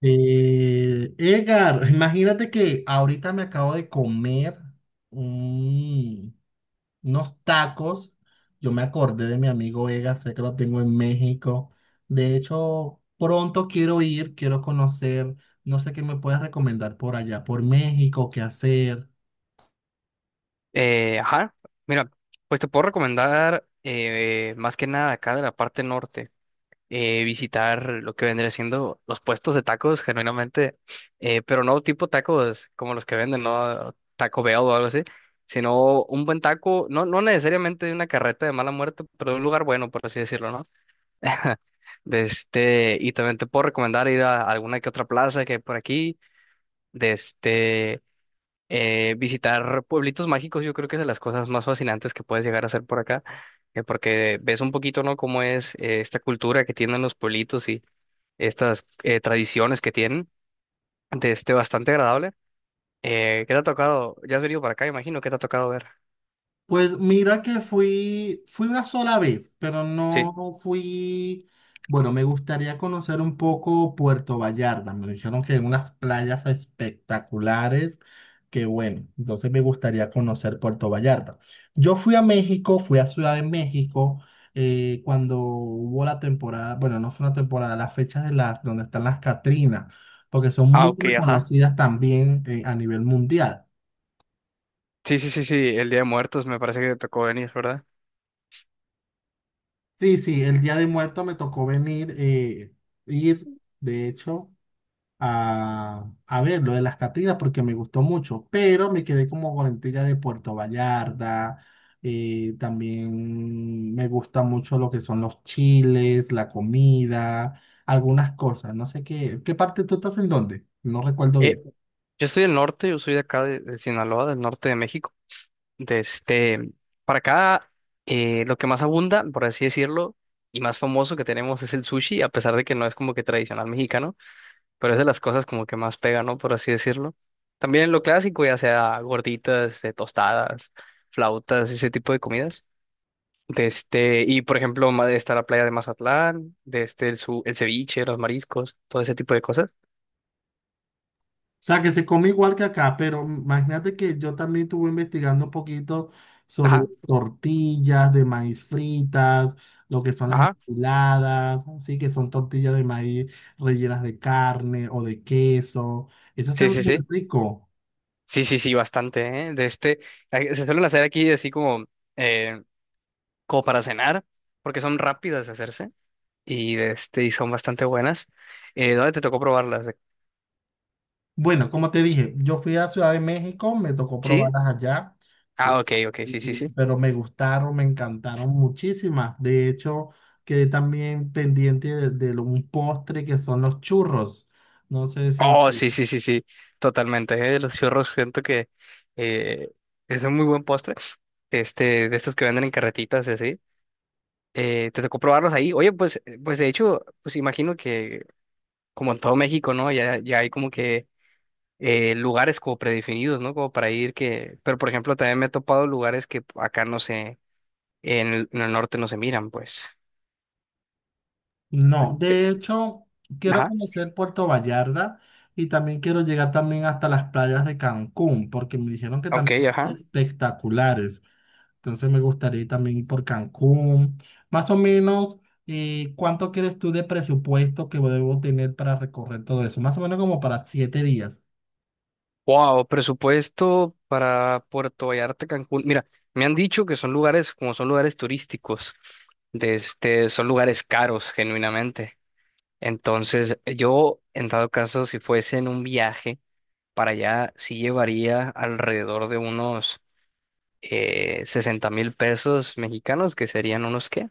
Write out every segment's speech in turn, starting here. Edgar, imagínate que ahorita me acabo de comer un- unos tacos. Yo me acordé de mi amigo Edgar, sé que lo tengo en México. De hecho, pronto quiero ir, quiero conocer. No sé qué me puedes recomendar por allá, por México, qué hacer. Ajá, mira, pues te puedo recomendar más que nada acá de la parte norte, visitar lo que vendría siendo los puestos de tacos, genuinamente, pero no tipo tacos como los que venden, ¿no? Taco Bell o algo así, sino un buen taco, no necesariamente de una carreta de mala muerte, pero de un lugar bueno, por así decirlo, ¿no? De este, y también te puedo recomendar ir a alguna que otra plaza que hay por aquí. De este, visitar pueblitos mágicos, yo creo que es de las cosas más fascinantes que puedes llegar a hacer por acá, porque ves un poquito, ¿no? Cómo es esta cultura que tienen los pueblitos y estas tradiciones que tienen, de este bastante agradable. ¿Qué te ha tocado? Ya has venido para acá, imagino, ¿qué te ha tocado ver? Pues mira que fui una sola vez, pero Sí. no fui, bueno, me gustaría conocer un poco Puerto Vallarta. Me dijeron que hay unas playas espectaculares, que bueno, entonces me gustaría conocer Puerto Vallarta. Yo fui a México, fui a Ciudad de México, cuando hubo la temporada, bueno, no fue una temporada, las fechas de las, donde están las Catrinas, porque son Ah, muy ok, ajá. reconocidas también, a nivel mundial. Sí, sí, sí, sí, el Día de Muertos me parece que te tocó venir, ¿verdad? Sí, sí, el Día de Muerto me tocó venir, ir, de hecho, a ver lo de las Catrinas porque me gustó mucho, pero me quedé como con la intriga de Puerto Vallarta, también me gusta mucho lo que son los chiles, la comida, algunas cosas, no sé qué, ¿qué parte tú estás en dónde? No recuerdo Eh, bien. yo estoy del norte, yo soy de acá de Sinaloa, del norte de México. De este, para acá, lo que más abunda, por así decirlo, y más famoso que tenemos es el sushi, a pesar de que no es como que tradicional mexicano, pero es de las cosas como que más pega, ¿no? Por así decirlo. También lo clásico, ya sea gorditas, tostadas, flautas, ese tipo de comidas. De este, y por ejemplo, está la playa de Mazatlán, de este, el, el ceviche, los mariscos, todo ese tipo de cosas. O sea, que se come igual que acá, pero imagínate que yo también estuve investigando un poquito sobre Ajá, tortillas de maíz fritas, lo que son las ajá. enchiladas, así que son tortillas de maíz rellenas de carne o de queso. Eso se Sí, ve sí, muy sí. rico. Sí, sí, sí, bastante, ¿eh? De este, se suelen hacer aquí así como eh, como para cenar, porque son rápidas de hacerse y, de este, y son bastante buenas. ¿Dónde te tocó probarlas? Bueno, como te dije, yo fui a Ciudad de México, me tocó ¿Sí? probarlas allá, Ah, ¿sí? ok, ok, sí, sí, sí. Pero me gustaron, me encantaron muchísimas. De hecho, quedé también pendiente de un postre que son los churros. No sé si... Oh, tú- sí, sí, sí, sí, totalmente. Los churros siento que eh, es un muy buen postre, este, de estos que venden en carretitas y así. ¿Te tocó probarlos ahí? Oye, pues, pues de hecho, pues imagino que como en todo México, ¿no? Ya, ya hay como que lugares como predefinidos, ¿no? Como para ir que, pero por ejemplo, también me he topado lugares que acá no sé. En el norte no se miran, pues. No, Eh, de hecho, quiero Ajá, conocer Puerto Vallarta y también quiero llegar también hasta las playas de Cancún, porque me dijeron que ok, también son ajá. espectaculares. Entonces me gustaría ir también ir por Cancún. Más o menos, ¿cuánto crees tú de presupuesto que debo tener para recorrer todo eso? Más o menos como para 7 días. Wow, presupuesto para Puerto Vallarta, Cancún. Mira, me han dicho que son lugares, como son lugares turísticos, de este, son lugares caros, genuinamente. Entonces, yo, en dado caso, si fuese en un viaje para allá, sí llevaría alrededor de unos 60 mil pesos mexicanos, que serían unos, ¿qué?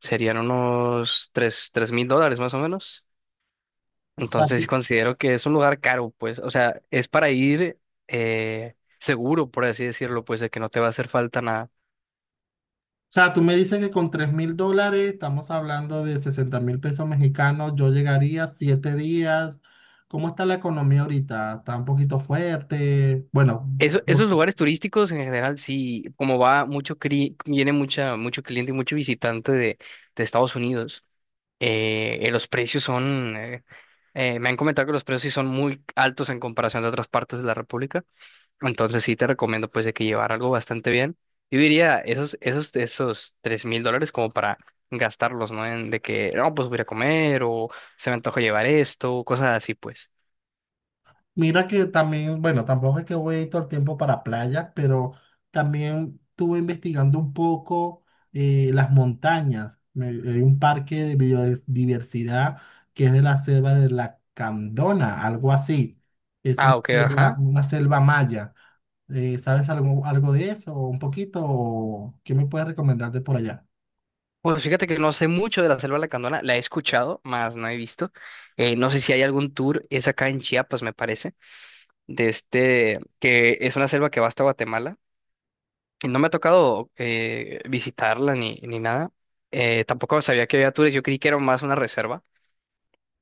Serían unos tres mil dólares más o menos. O sea, tú, Entonces o considero que es un lugar caro, pues, o sea, es para ir seguro, por así decirlo, pues, de que no te va a hacer falta nada. sea, tú me dices que con 3.000 dólares, estamos hablando de 60.000 pesos mexicanos, yo llegaría 7 días. ¿Cómo está la economía ahorita? ¿Está un poquito fuerte? Bueno, Eso- esos lugares turísticos en general, sí, como va mucho, viene mucho cliente y mucho visitante de Estados Unidos, los precios son, me han comentado que los precios sí son muy altos en comparación de otras partes de la República. Entonces sí te recomiendo pues de que llevar algo bastante bien. Yo diría esos $3,000 como para gastarlos, ¿no? En de que, no, pues voy a ir a comer o se me antoja llevar esto, cosas así pues. mira que también, bueno, tampoco es que voy todo el tiempo para playa, pero también estuve investigando un poco las montañas. Hay un parque de biodiversidad que es de la selva de la Candona, algo así. Es Ah, ok, ajá. una selva maya. ¿Sabes algo de eso? ¿Un poquito? ¿O qué me puedes recomendar de por allá? Pues fíjate que no sé mucho de la Selva Lacandona, la he escuchado, más no he visto. No sé si hay algún tour, es acá en Chiapas, me parece, de este, que es una selva que va hasta Guatemala. Y no me ha tocado visitarla ni nada. Tampoco sabía que había tours, yo creí que era más una reserva.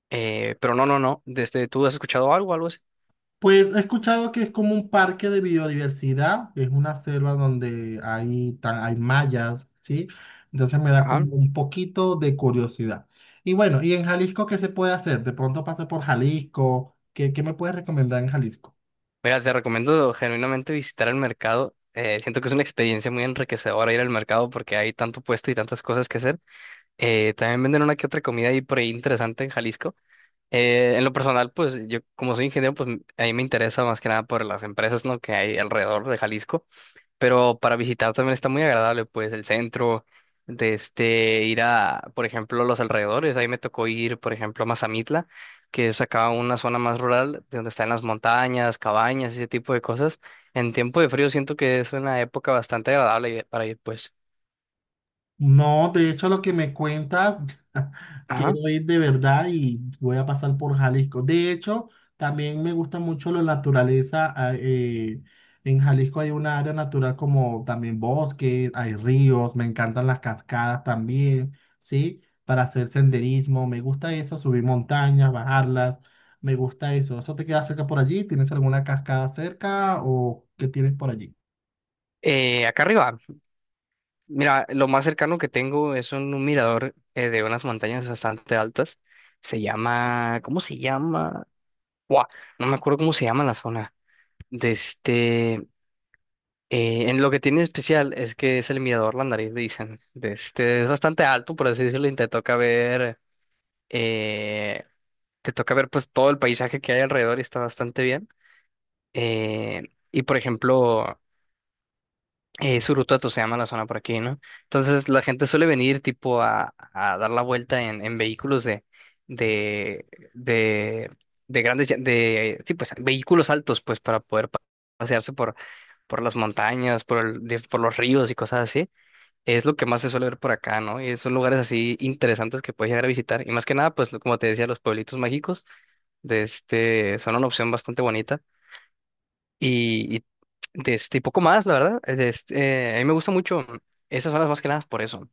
Pero no, no, no. Desde, ¿tú has escuchado algo, algo así? Pues he escuchado que es como un parque de biodiversidad, es una selva donde hay mallas, ¿sí? Entonces me da Ajá. como un poquito de curiosidad. Y bueno, ¿y en Jalisco qué se puede hacer? De pronto pasé por Jalisco, ¿qué me puedes recomendar en Jalisco? Mira, te recomiendo genuinamente visitar el mercado. Siento que es una experiencia muy enriquecedora ir al mercado porque hay tanto puesto y tantas cosas que hacer. También venden una que otra comida ahí por ahí interesante en Jalisco. En lo personal, pues yo como soy ingeniero, pues a mí me interesa más que nada por las empresas, ¿no? que hay alrededor de Jalisco. Pero para visitar también está muy agradable, pues el centro, de este, ir a, por ejemplo, los alrededores, ahí me tocó ir, por ejemplo, a Mazamitla, que es acá una zona más rural, de donde están las montañas, cabañas, ese tipo de cosas. En tiempo de frío siento que es una época bastante agradable para ir, pues. No, de hecho lo que me cuentas, Ajá. quiero ir de verdad y voy a pasar por Jalisco. De hecho, también me gusta mucho la naturaleza. Ah, en Jalisco hay una área natural como también bosque, hay ríos, me encantan las cascadas también, ¿sí? Para hacer senderismo, me gusta eso, subir montañas, bajarlas, me gusta eso. ¿Eso te queda cerca por allí? ¿Tienes alguna cascada cerca o qué tienes por allí? Acá arriba, mira, lo más cercano que tengo es un mirador de unas montañas bastante altas. Se llama, ¿cómo se llama? Buah, no me acuerdo cómo se llama la zona. De este, en lo que tiene especial es que es el mirador La Nariz, dicen. De este, es bastante alto, por así decirlo, y eh, te toca ver pues todo el paisaje que hay alrededor y está bastante bien. Eh, y por ejemplo, Surutuato se llama la zona por aquí, ¿no? Entonces la gente suele venir tipo a dar la vuelta en vehículos de, de, de grandes, de, sí, pues vehículos altos, pues para poder pasearse por las montañas, por los ríos y cosas así. Es lo que más se suele ver por acá, ¿no? Y son lugares así interesantes que puedes llegar a visitar. Y más que nada, pues como te decía, los pueblitos mágicos de este son una opción bastante bonita. Y de este y poco más, la verdad. De este, a mí me gusta mucho esas zonas más que nada por eso.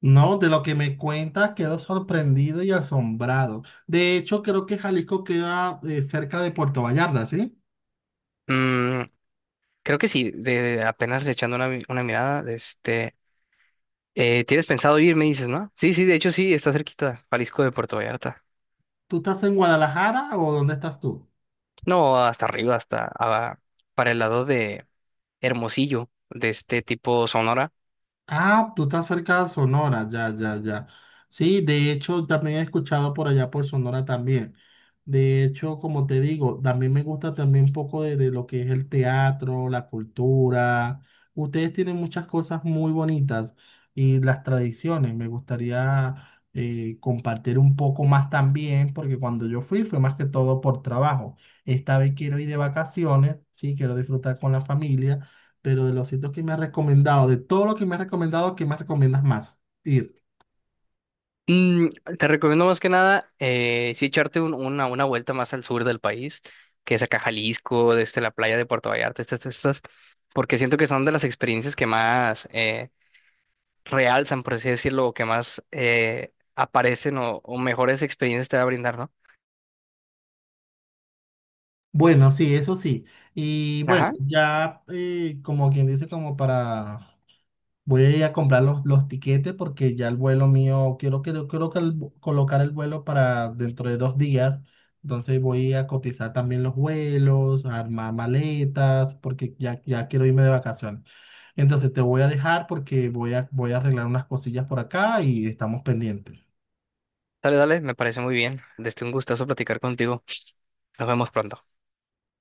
No, de lo que me cuentas quedo sorprendido y asombrado. De hecho, creo que Jalisco queda cerca de Puerto Vallarta, ¿sí? Mm, creo que sí, de apenas le echando una mirada, de este, ¿tienes pensado ir? Me dices, ¿no? Sí, sí, de hecho sí, está cerquita, Jalisco de Puerto Vallarta. ¿Tú estás en Guadalajara o dónde estás tú? No, hasta arriba, hasta para el lado de Hermosillo, de este tipo Sonora. Ah, tú estás cerca de Sonora, ya, ya, ya. Sí, de hecho, también he escuchado por allá por Sonora también. De hecho, como te digo, también me gusta también un poco de lo que es el teatro, la cultura. Ustedes tienen muchas cosas muy bonitas y las tradiciones. Me gustaría compartir un poco más también, porque cuando yo fui fue más que todo por trabajo. Esta vez quiero ir de vacaciones, sí, quiero disfrutar con la familia. Pero de los sitios que me has recomendado, de todo lo que me has recomendado, ¿qué más recomiendas más ir? Mm, te recomiendo más que nada, sí echarte una vuelta más al sur del país, que es acá Jalisco, desde la playa de Puerto Vallarta, estas, estas, porque siento que son de las experiencias que más realzan, por así decirlo, o que más aparecen o mejores experiencias te va a brindar, ¿no? Bueno, sí, eso sí. Y bueno, Ajá, ya como quien dice, como para. Voy a ir a comprar los tiquetes porque ya el vuelo mío, quiero colocar el vuelo para dentro de 2 días. Entonces voy a cotizar también los vuelos, a armar maletas, porque ya quiero irme de vacaciones. Entonces te voy a dejar porque voy a arreglar unas cosillas por acá y estamos pendientes. dale, dale, me parece muy bien. Desde un gustazo platicar contigo. Nos vemos pronto.